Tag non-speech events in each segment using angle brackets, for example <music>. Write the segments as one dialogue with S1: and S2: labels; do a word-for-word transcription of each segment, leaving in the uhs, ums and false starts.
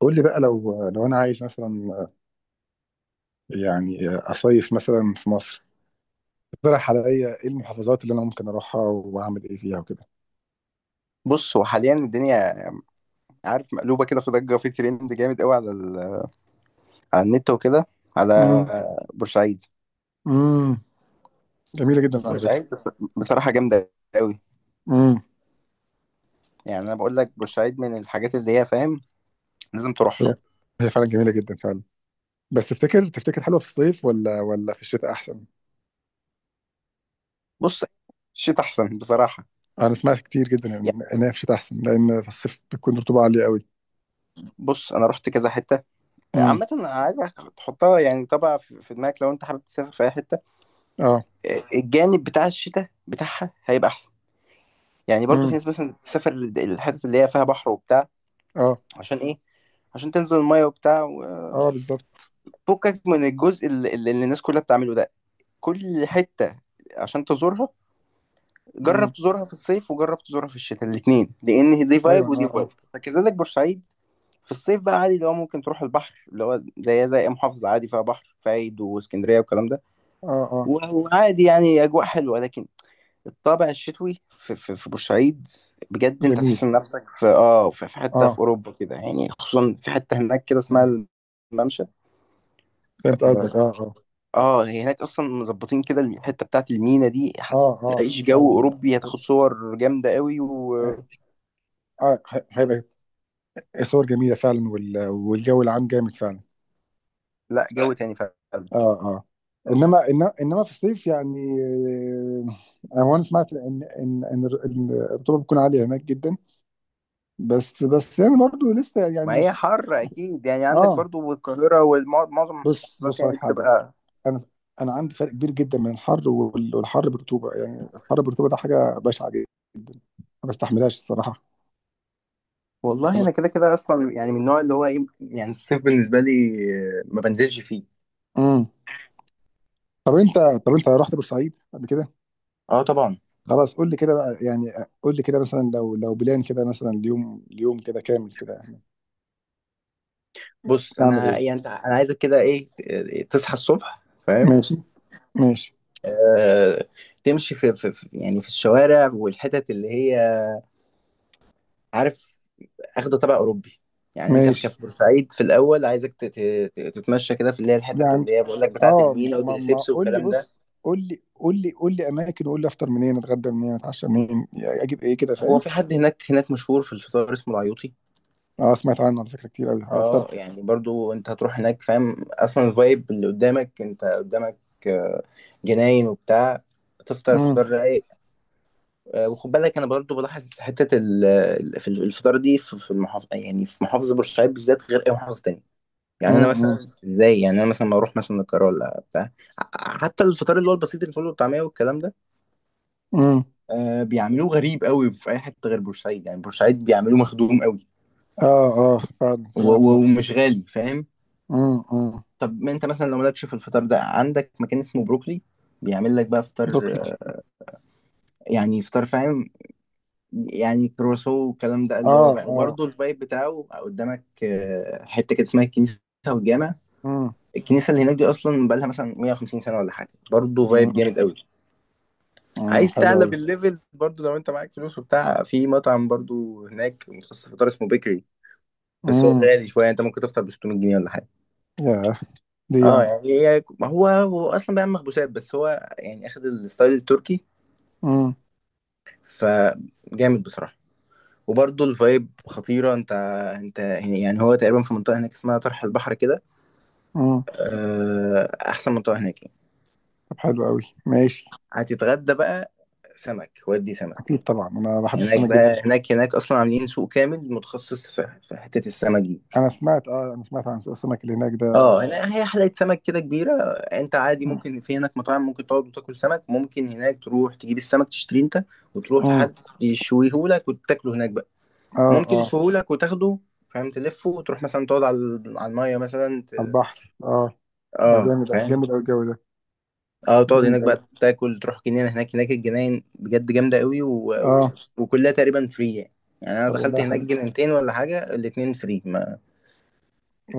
S1: قول لي بقى، لو لو انا عايز مثلا يعني اصيف مثلا في مصر. اقترح عليا ايه المحافظات اللي انا ممكن اروحها واعمل ايه فيها وكده؟
S2: بص، هو حاليا الدنيا عارف مقلوبه كده، في ضجه، في ترند جامد قوي على ال... على النت وكده على
S1: امم.
S2: بورسعيد.
S1: امم، جميله جدا على فكره.
S2: بورسعيد بص... بصراحه جامده قوي.
S1: امم.
S2: يعني انا بقول لك بورسعيد من الحاجات اللي هي فاهم لازم
S1: هي
S2: تروحها.
S1: هي فعلا جميله جدا فعلا. بس تفتكر تفتكر حلوه في الصيف ولا ولا في الشتاء احسن؟
S2: بص، الشتاء احسن بصراحه.
S1: انا سمعت كتير جدا
S2: يعني
S1: ان إن هي في الشتاء احسن، لان في الصيف بتكون رطوبه عاليه قوي.
S2: بص، انا رحت كذا حته.
S1: امم.
S2: عامه انا عايزك تحطها يعني طبعا في في دماغك، لو انت حابب تسافر في اي حته
S1: اه.
S2: الجانب بتاع الشتاء بتاعها هيبقى احسن. يعني برضو في
S1: امم.
S2: ناس مثلا تسافر الحتت اللي هي فيها بحر وبتاع.
S1: اه،
S2: عشان ايه؟ عشان تنزل الميه وبتاع،
S1: اه بالظبط.
S2: فكك من الجزء اللي, اللي الناس كلها بتعمله ده. كل حتة عشان تزورها، جرب
S1: امم.
S2: تزورها في الصيف وجرب تزورها في الشتاء الاتنين، لأن دي
S1: ايوه،
S2: فايب
S1: اه
S2: ودي
S1: اه.
S2: فايب، فكذلك بورسعيد. في الصيف بقى عادي اللي هو ممكن تروح البحر اللي هو زي زي أي محافظة عادي فيها بحر، فايد واسكندرية والكلام ده.
S1: اه اه،
S2: و- وعادي يعني أجواء حلوة، لكن الطابع الشتوي في, في, في بورسعيد بجد انت تحس
S1: جميل.
S2: إن نفسك في اه في في حتة
S1: اه.
S2: في أوروبا كده، يعني خصوصا في حتة هناك كده
S1: آه.
S2: اسمها الممشى.
S1: فهمت قصدك،
S2: آه،
S1: اه اه.
S2: اه، هي هناك اصلا مظبطين كده الحته بتاعت المينا دي.
S1: اه اه
S2: هتعيش جو
S1: فعلا.
S2: اوروبي، هتاخد صور جامده قوي و
S1: آه. آه، هيبقى صور جميلة فعلا، وال- والجو العام جامد فعلا.
S2: لا جو
S1: لا.
S2: تاني فعلا.
S1: اه اه. انما انما انما في الصيف يعني آه، هو انا وانا سمعت ان ان ان الر- إن الرطوبه بتكون عاليه هناك جدا. بس بس يعني برضو لسه يعني
S2: ما هي
S1: مش.
S2: حر اكيد يعني، عندك
S1: اه.
S2: برضو القاهره ومعظم
S1: بص،
S2: المحافظات
S1: بص على
S2: يعني
S1: حاجه.
S2: بتبقى.
S1: انا انا عندي فرق كبير جدا بين الحر وال- والحر بالرطوبه، يعني الحر بالرطوبه ده حاجه بشعه جدا، ما بستحملهاش الصراحه.
S2: والله انا كده كده اصلا يعني من النوع اللي هو ايه، يعني الصيف بالنسبه لي آه، ما بنزلش فيه.
S1: امم. طب انت طب انت رحت بورسعيد قبل كده؟
S2: اه طبعا.
S1: خلاص قول لي كده بقى يعني. قول لي كده مثلا، لو لو بلان كده مثلا، اليوم اليوم كده كامل كده يعني
S2: بص
S1: نعمل ايه؟
S2: انا يعني انت، انا عايزك كده ايه، آه، تصحى الصبح فاهم.
S1: ماشي. ماشي.
S2: آه، تمشي في, في في- يعني في الشوارع والحتت اللي هي عارف اخده تبع اوروبي. يعني انت في
S1: ماشي
S2: كف بورسعيد في الاول عايزك تت- تت- تتمشى كده في اللي هي الحتت
S1: يعني
S2: اللي هي بقول لك بتاعه
S1: اه.
S2: المينا
S1: ما ما
S2: ودريسبس
S1: قول لي،
S2: والكلام ده.
S1: بص. قول لي قول لي قول لي اماكن، وقول لي افطر منين، اتغدى منين، اتعشى منين، يعني اجيب ايه كده
S2: هو
S1: فاهم؟
S2: في حد هناك، هناك مشهور في الفطار اسمه العيوطي.
S1: اه، سمعت عنه على فكره كتير قوي على
S2: اه
S1: الطرح.
S2: يعني برضو انت هتروح هناك فاهم اصلا الفايب اللي قدامك، انت قدامك آه، جناين وبتاع، تفطر
S1: امم.
S2: فطار رايق. آه، وخد بالك انا برضو بلاحظ حته ال- ال- في الفطار دي في في المحافظه، يعني في محافظه بورسعيد بالذات غير اي محافظه تانية. يعني انا
S1: امم.
S2: مثلا ازاي، يعني انا مثلا بروح مثلا القاهره ولا بتاع، ع- حتى الفطار اللي هو البسيط، الفول والطعميه والكلام ده،
S1: امم.
S2: آه بيعملوه غريب قوي في اي حته غير بورسعيد. يعني بورسعيد بيعملوه مخدوم قوي
S1: اه اه فعلا
S2: و-
S1: سمعت.
S2: و- ومش غالي فاهم.
S1: امم. امم.
S2: طب ما انت مثلا لو مالكش في الفطار ده، عندك مكان اسمه بروكلي بيعمل لك بقى فطار
S1: دوكلي.
S2: آه، يعني فطار فاهم، يعني كروسو والكلام ده اللي
S1: اه
S2: هو بقى،
S1: اه.
S2: وبرضه الفايب بتاعه قدامك، آه، حته كده اسمها الكنيسه والجامع.
S1: امم.
S2: الكنيسه اللي هناك دي اصلا بقى لها مثلا مية وخمسين سنه ولا حاجه، برضه فايب جامد قوي.
S1: امم،
S2: عايز
S1: حلو
S2: تعلى
S1: قوي.
S2: بالليفل برضو لو انت معاك فلوس وبتاع، في مطعم برضو هناك متخصص في فطار اسمه بيكري، بس هو
S1: امم.
S2: غالي شويه، انت ممكن تفطر ب ستمية جنيه ولا حاجه.
S1: يا. دي
S2: اه
S1: يعني.
S2: يعني هي ما هو، هو اصلا بيعمل مخبوزات بس هو يعني اخد الستايل التركي، فجامد بصراحه. وبرضو الفايب خطيره. انت، انت يعني هو تقريبا في منطقه هناك اسمها طرح البحر كده،
S1: امم.
S2: آه، احسن منطقه هناك يعني.
S1: طب حلو قوي ماشي.
S2: هتتغدى بقى سمك، ودي سمك.
S1: اكيد طبعا، انا بحب
S2: هناك
S1: السمك جدا.
S2: بقى، هناك هناك اصلا عاملين سوق كامل متخصص في في حته السمك دي.
S1: انا سمعت، اه انا سمعت عن سوق السمك اللي هناك ده.
S2: اه، هنا هي حلقة سمك كده كبيرة. انت عادي ممكن في هناك مطاعم ممكن تقعد وتاكل سمك، ممكن هناك تروح تجيب السمك تشتريه انت وتروح
S1: امم.
S2: لحد يشويهولك وتاكله هناك بقى.
S1: اه
S2: ممكن
S1: اه.
S2: يشويهولك وتاخده فاهم، تلفه وتروح مثلا تقعد على على المية مثلا ت...
S1: على البحر اه. ده
S2: اه
S1: جامد
S2: فاهم.
S1: جامد قوي الجو ده.
S2: اه، تقعد
S1: جامد
S2: هناك
S1: قوي.
S2: بقى تاكل، تروح جنينة هناك، هناك الجناين بجد جامدة قوي و... و...
S1: اه.
S2: وكلها تقريبا فري يعني. يعني انا
S1: طب
S2: دخلت
S1: والله
S2: هناك
S1: حلو.
S2: جنينتين ولا حاجة الاتنين فري، ما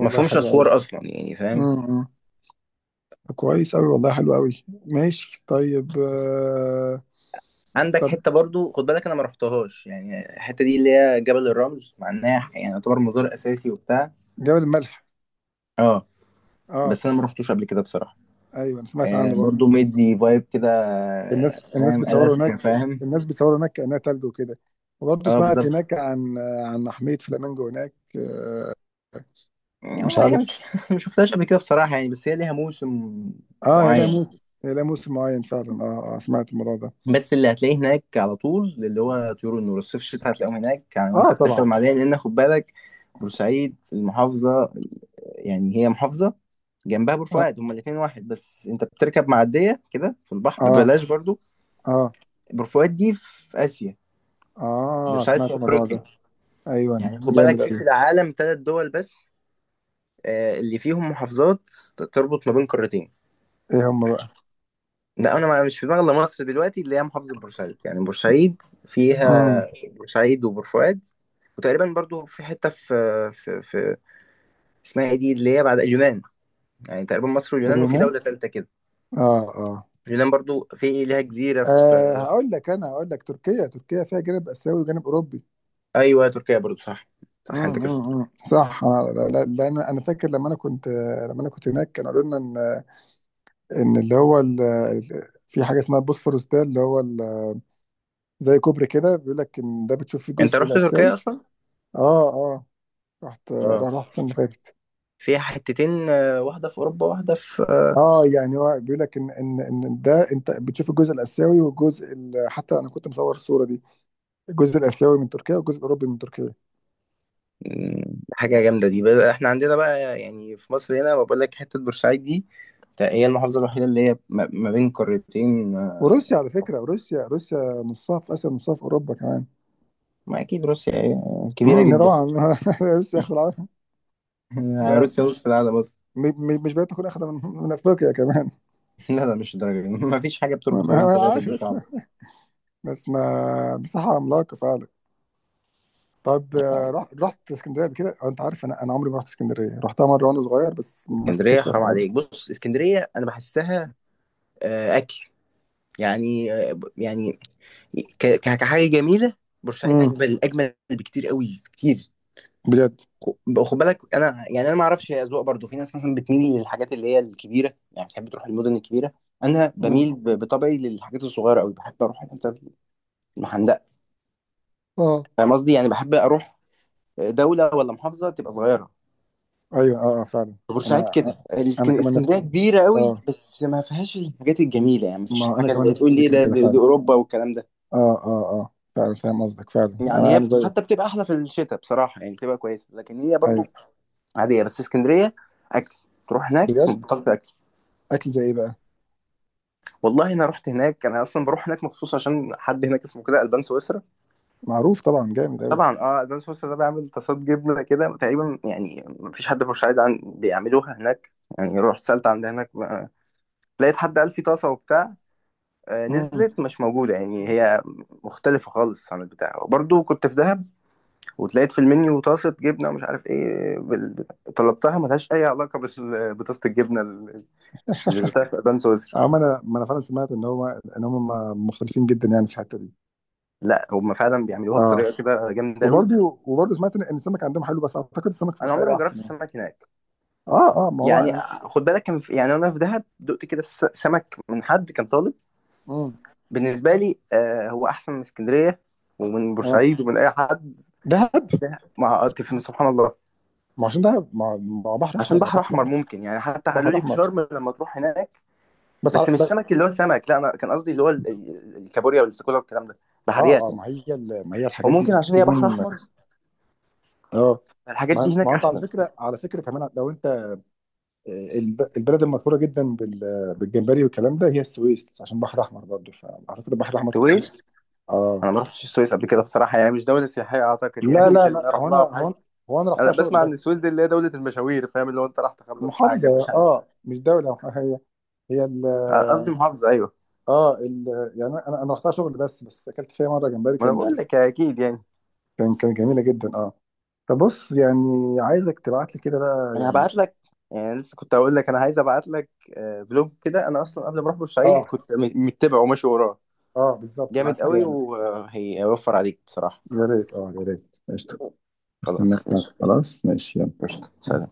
S2: ما فيهمش
S1: حلو قوي.
S2: اسوار اصلا يعني فاهم.
S1: امم. طب كويس قوي، والله حلو قوي ماشي، طيب آه.
S2: عندك
S1: طب،
S2: حته برضو خد بالك انا ما رحتهاش، يعني الحته دي اللي هي جبل الرمل، مع انها يعني يعتبر مزار اساسي وبتاع،
S1: جبل الملح؟
S2: اه،
S1: اه.
S2: بس انا ما رحتوش قبل كده بصراحه.
S1: ايوه انا سمعت
S2: آه،
S1: عنه برضه.
S2: برضو مدي فايب كده آه،
S1: الناس الناس
S2: فاهم
S1: بتصوروا
S2: الاسكا
S1: هناك.
S2: فاهم.
S1: الناس بتصوروا هناك كأنها تلج وكده. وبرضه
S2: اه
S1: سمعت
S2: بالظبط.
S1: هناك عن عن محمية فلامينجو هناك آه.
S2: يعني
S1: مش
S2: هو هي
S1: عارف.
S2: مش <laughs> ما شفتهاش قبل كده بصراحه يعني، بس هي ليها موسم
S1: اه، هي لها
S2: معين.
S1: موسم. هي لها موسم معين فعلا. اه اه سمعت الموضوع ده.
S2: بس اللي هتلاقيه هناك على طول اللي هو طيور النور، الصيف الشتاء هتلاقيهم هناك يعني، وانت
S1: اه
S2: بتركب
S1: طبعا.
S2: المعديه، لان خد بالك بورسعيد المحافظه، يعني هي محافظه جنبها بور
S1: اه
S2: فؤاد، هما الاثنين واحد، بس انت بتركب معديه كده في البحر
S1: اه.
S2: ببلاش برضو.
S1: اه.
S2: بور فؤاد دي في اسيا،
S1: آه
S2: بورسعيد في
S1: سمعت الموضوع ده.
S2: افريقيا.
S1: ايوه.
S2: يعني خد بالك
S1: جامد
S2: في في
S1: قوي.
S2: العالم ثلاث دول بس آه، اللي فيهم محافظات ت- تربط ما بين قارتين.
S1: ايه هم بقى؟
S2: لا انا ما- مش في دماغي الا مصر دلوقتي اللي هي محافظه بورسعيد، يعني بورسعيد
S1: امم.
S2: فيها بورسعيد وبور فؤاد، وتقريبا برضو في حته في في, في اسمها ايه دي اللي هي بعد اليونان، يعني تقريبا مصر واليونان وفي
S1: اليونان.
S2: دوله ثالثه كده.
S1: اه اه.
S2: اليونان برضو في ليها جزيره
S1: آه،
S2: في،
S1: هقول لك انا هقول لك تركيا. تركيا فيها جانب اسيوي وجانب اوروبي.
S2: ايوه تركيا برضو صح، صح انت
S1: امم.
S2: كده.
S1: أمم، أمم. صح. انا لا- لا- لان انا فاكر لما انا كنت. لما انا كنت هناك كانوا قالوا لنا ان ان اللي هو ال- ال- في حاجه اسمها البوسفورس، ده اللي هو ال- زي كوبري كده، بيقول لك ان ده بتشوف فيه
S2: انت
S1: الجزء
S2: رحت
S1: الاسيوي.
S2: تركيا اصلا؟
S1: اه اه. رحت
S2: اه
S1: رحت السنة اللي فاتت.
S2: فيها حتتين آه، واحده في اوروبا واحده في آه.
S1: اه. يعني هو بيقول لك ان ان ان ده انت بتشوف الجزء الاسيوي والجزء ال- حتى انا كنت مصور الصوره دي، الجزء الاسيوي من تركيا والجزء الاوروبي من تركيا.
S2: م، حاجه جامده دي بقى. احنا عندنا بقى يعني في مصر هنا، بقول لك حته بورسعيد دي، تا- هي المحافظه الوحيده اللي هي ما ما بين قارتين آه.
S1: وروسيا على فكره، روسيا روسيا نصها في اسيا ونصها في اوروبا كمان.
S2: ما اكيد روسيا آه، كبيره
S1: امم، ده
S2: جدا.
S1: طبعا. <laughs> روسيا اخد
S2: <laughs>
S1: العافيه. ده
S2: روسيا نص العالم اصلا.
S1: م- م- مش بقيت تكون اخد من، من افريقيا كمان؟
S2: <laughs> لا لا، مش الدرجه دي، ما فيش حاجه
S1: <laughs>
S2: بتربط ما
S1: ما
S2: بين
S1: انا
S2: ثلاثه،
S1: عارف،
S2: دي
S1: بس
S2: صعبه.
S1: بس ما مساحه عملاقه فعلا. طب آه، رحت رحت اسكندريه قبل كده؟ أو انت عارف، انا انا عمري ما رحت اسكندريه، رحتها مره وانا صغير بس ما
S2: اسكندريه
S1: افتكرش اي
S2: حرام
S1: حاجه.
S2: عليك. بص، اسكندريه انا بحسها آه، اكل يعني، يعني ك- ك- كحاجه جميله. بورسعيد اجمل اجمل بكتير قوي كتير.
S1: بجد.
S2: خ- خد بالك انا يعني انا ما اعرفش، هي اذواق برضو، في ناس مثلا بتميل للحاجات اللي هي الكبيره يعني، بتحب تروح المدن الكبيره. انا
S1: مم.
S2: بميل ب- بطبعي للحاجات الصغيره قوي، بحب اروح الحتت المحندقه،
S1: اه،
S2: فاهم قصدي؟ يعني بحب اروح دوله ولا محافظه تبقى صغيره.
S1: ايوه اه اه فعلا.
S2: بورسعيد
S1: انا.
S2: كده،
S1: انا
S2: الإسك-
S1: كمان نفس
S2: اسكندريه كبيره قوي
S1: اه.
S2: بس ما فيهاش الحاجات الجميله، يعني ما فيهاش
S1: ما انا
S2: الحاجه
S1: كمان
S2: اللي
S1: نفس
S2: تقول لي إيه
S1: الفكره
S2: ده،
S1: كده
S2: دي دي
S1: فعلا.
S2: اوروبا والكلام ده.
S1: اه. اه اه فعلا فاهم قصدك فعلا،
S2: يعني
S1: انا
S2: هي
S1: انا
S2: بت-
S1: زيك.
S2: حتى بتبقى احلى في الشتاء بصراحه، يعني بتبقى كويسه لكن هي
S1: ايوه.
S2: برضو عاديه. بس اسكندريه اكل، تروح هناك
S1: بجد.
S2: بطلت اكل.
S1: اكل زي ايه بقى؟
S2: والله انا رحت هناك، انا اصلا بروح هناك مخصوص عشان حد هناك اسمه كده البان سويسرا.
S1: معروف طبعا جامد قوي.
S2: طبعا اه، البان سويسرا ده بيعمل طاسات جبنه كده تقريبا يعني مفيش حد في بورسعيد عن بيعملوها هناك. يعني رحت سالت عند هناك آه، لقيت حد قال في طاسه وبتاع، آه،
S1: امم.
S2: نزلت مش موجوده، يعني هي مختلفه خالص عن البتاع. وبرضو كنت في دهب وتلاقيت في المنيو طاسة جبنة ومش عارف ايه بال... طلبتها ملهاش أي علاقة بال... بطاسة الجبنة ال- اللي دوقتها في أبان سويسرا.
S1: اه، ما انا ما انا فعلا سمعت ان هو ان هم مختلفين جدا يعني في الحته دي.
S2: لا هم فعلا بيعملوها
S1: اه.
S2: بطريقة كده جامدة أوي.
S1: وبرضه وبرضه سمعت ان السمك عندهم حلو، بس اعتقد السمك في
S2: أنا
S1: بورسعيد
S2: عمري ما جربت
S1: احسن يعني.
S2: السمك هناك.
S1: اه اه ما هو
S2: يعني
S1: يعني.
S2: خد بالك كان في... يعني أنا في دهب دقت كده س- سمك من حد كان طالب،
S1: امم.
S2: بالنسبة لي آه هو أحسن من اسكندرية ومن
S1: اه.
S2: بورسعيد ومن أي حد.
S1: دهب.
S2: مع سبحان الله.
S1: ما عشان دهب، ما ما هو بحر احمر،
S2: عشان
S1: ما هو
S2: بحر
S1: بحر
S2: أحمر
S1: احمر.
S2: ممكن، يعني حتى قالوا
S1: بحر
S2: لي في
S1: احمر.
S2: شرم لما تروح هناك.
S1: بس على.
S2: بس مش سمك اللي هو سمك، لا انا كان قصدي اللي هو ال- ال- الكابوريا والاستاكولا والكلام ده،
S1: اه
S2: بحريات
S1: اه.
S2: يعني.
S1: ما هي ال- ما هي الحاجات دي
S2: وممكن عشان هي بحر
S1: بتكون.
S2: احمر
S1: اه،
S2: الحاجات
S1: ما
S2: دي
S1: ما
S2: هناك
S1: هو انت على
S2: احسن.
S1: فكره، على فكره كمان لو انت آه، الب- البلد المشهوره جدا بال- بالجمبري والكلام ده، هي السويس، عشان بحر احمر برضه، فاعتقد البحر الاحمر.
S2: السويس،
S1: اه.
S2: انا ما رحتش السويس قبل كده بصراحه، يعني مش دوله سياحيه اعتقد
S1: لا
S2: يعني <laughs> مش
S1: لا لا،
S2: اللي اروح
S1: هو انا
S2: لها في
S1: هو
S2: حاجه.
S1: أنا- هو انا رحتها
S2: انا
S1: شغل
S2: بسمع
S1: بس.
S2: ان السويس دي اللي هي دوله المشاوير فاهم، اللي هو انت راح تخلص
S1: محافظه.
S2: حاجه مش عارف.
S1: اه مش دوله، هي هي
S2: قصدي
S1: ال.
S2: محافظه ايوه.
S1: اه ال. يعني انا انا رحتها شغل بس، بس اكلت فيها مره جمبري،
S2: ما انا
S1: كان
S2: بقول لك اكيد يعني.
S1: كان كان جميله جدا اه. فبص يعني عايزك تبعت لي كده بقى
S2: انا
S1: يعني.
S2: هبعت لك، يعني لسه كنت هقول لك انا عايز ابعت لك آه، فلوج كده، انا اصلا قبل ما اروح بورسعيد
S1: اه
S2: كنت م- متبعه وماشي وراه،
S1: اه بالظبط، انا عايز
S2: جامد
S1: حاجه
S2: قوي
S1: يعني.
S2: وهيوفر عليك بصراحه.
S1: يا ريت، اه يا ريت، قشطه. استناك.
S2: خلاص ماشي.
S1: خلاص ماشي يلا.
S2: قشطة، سلام.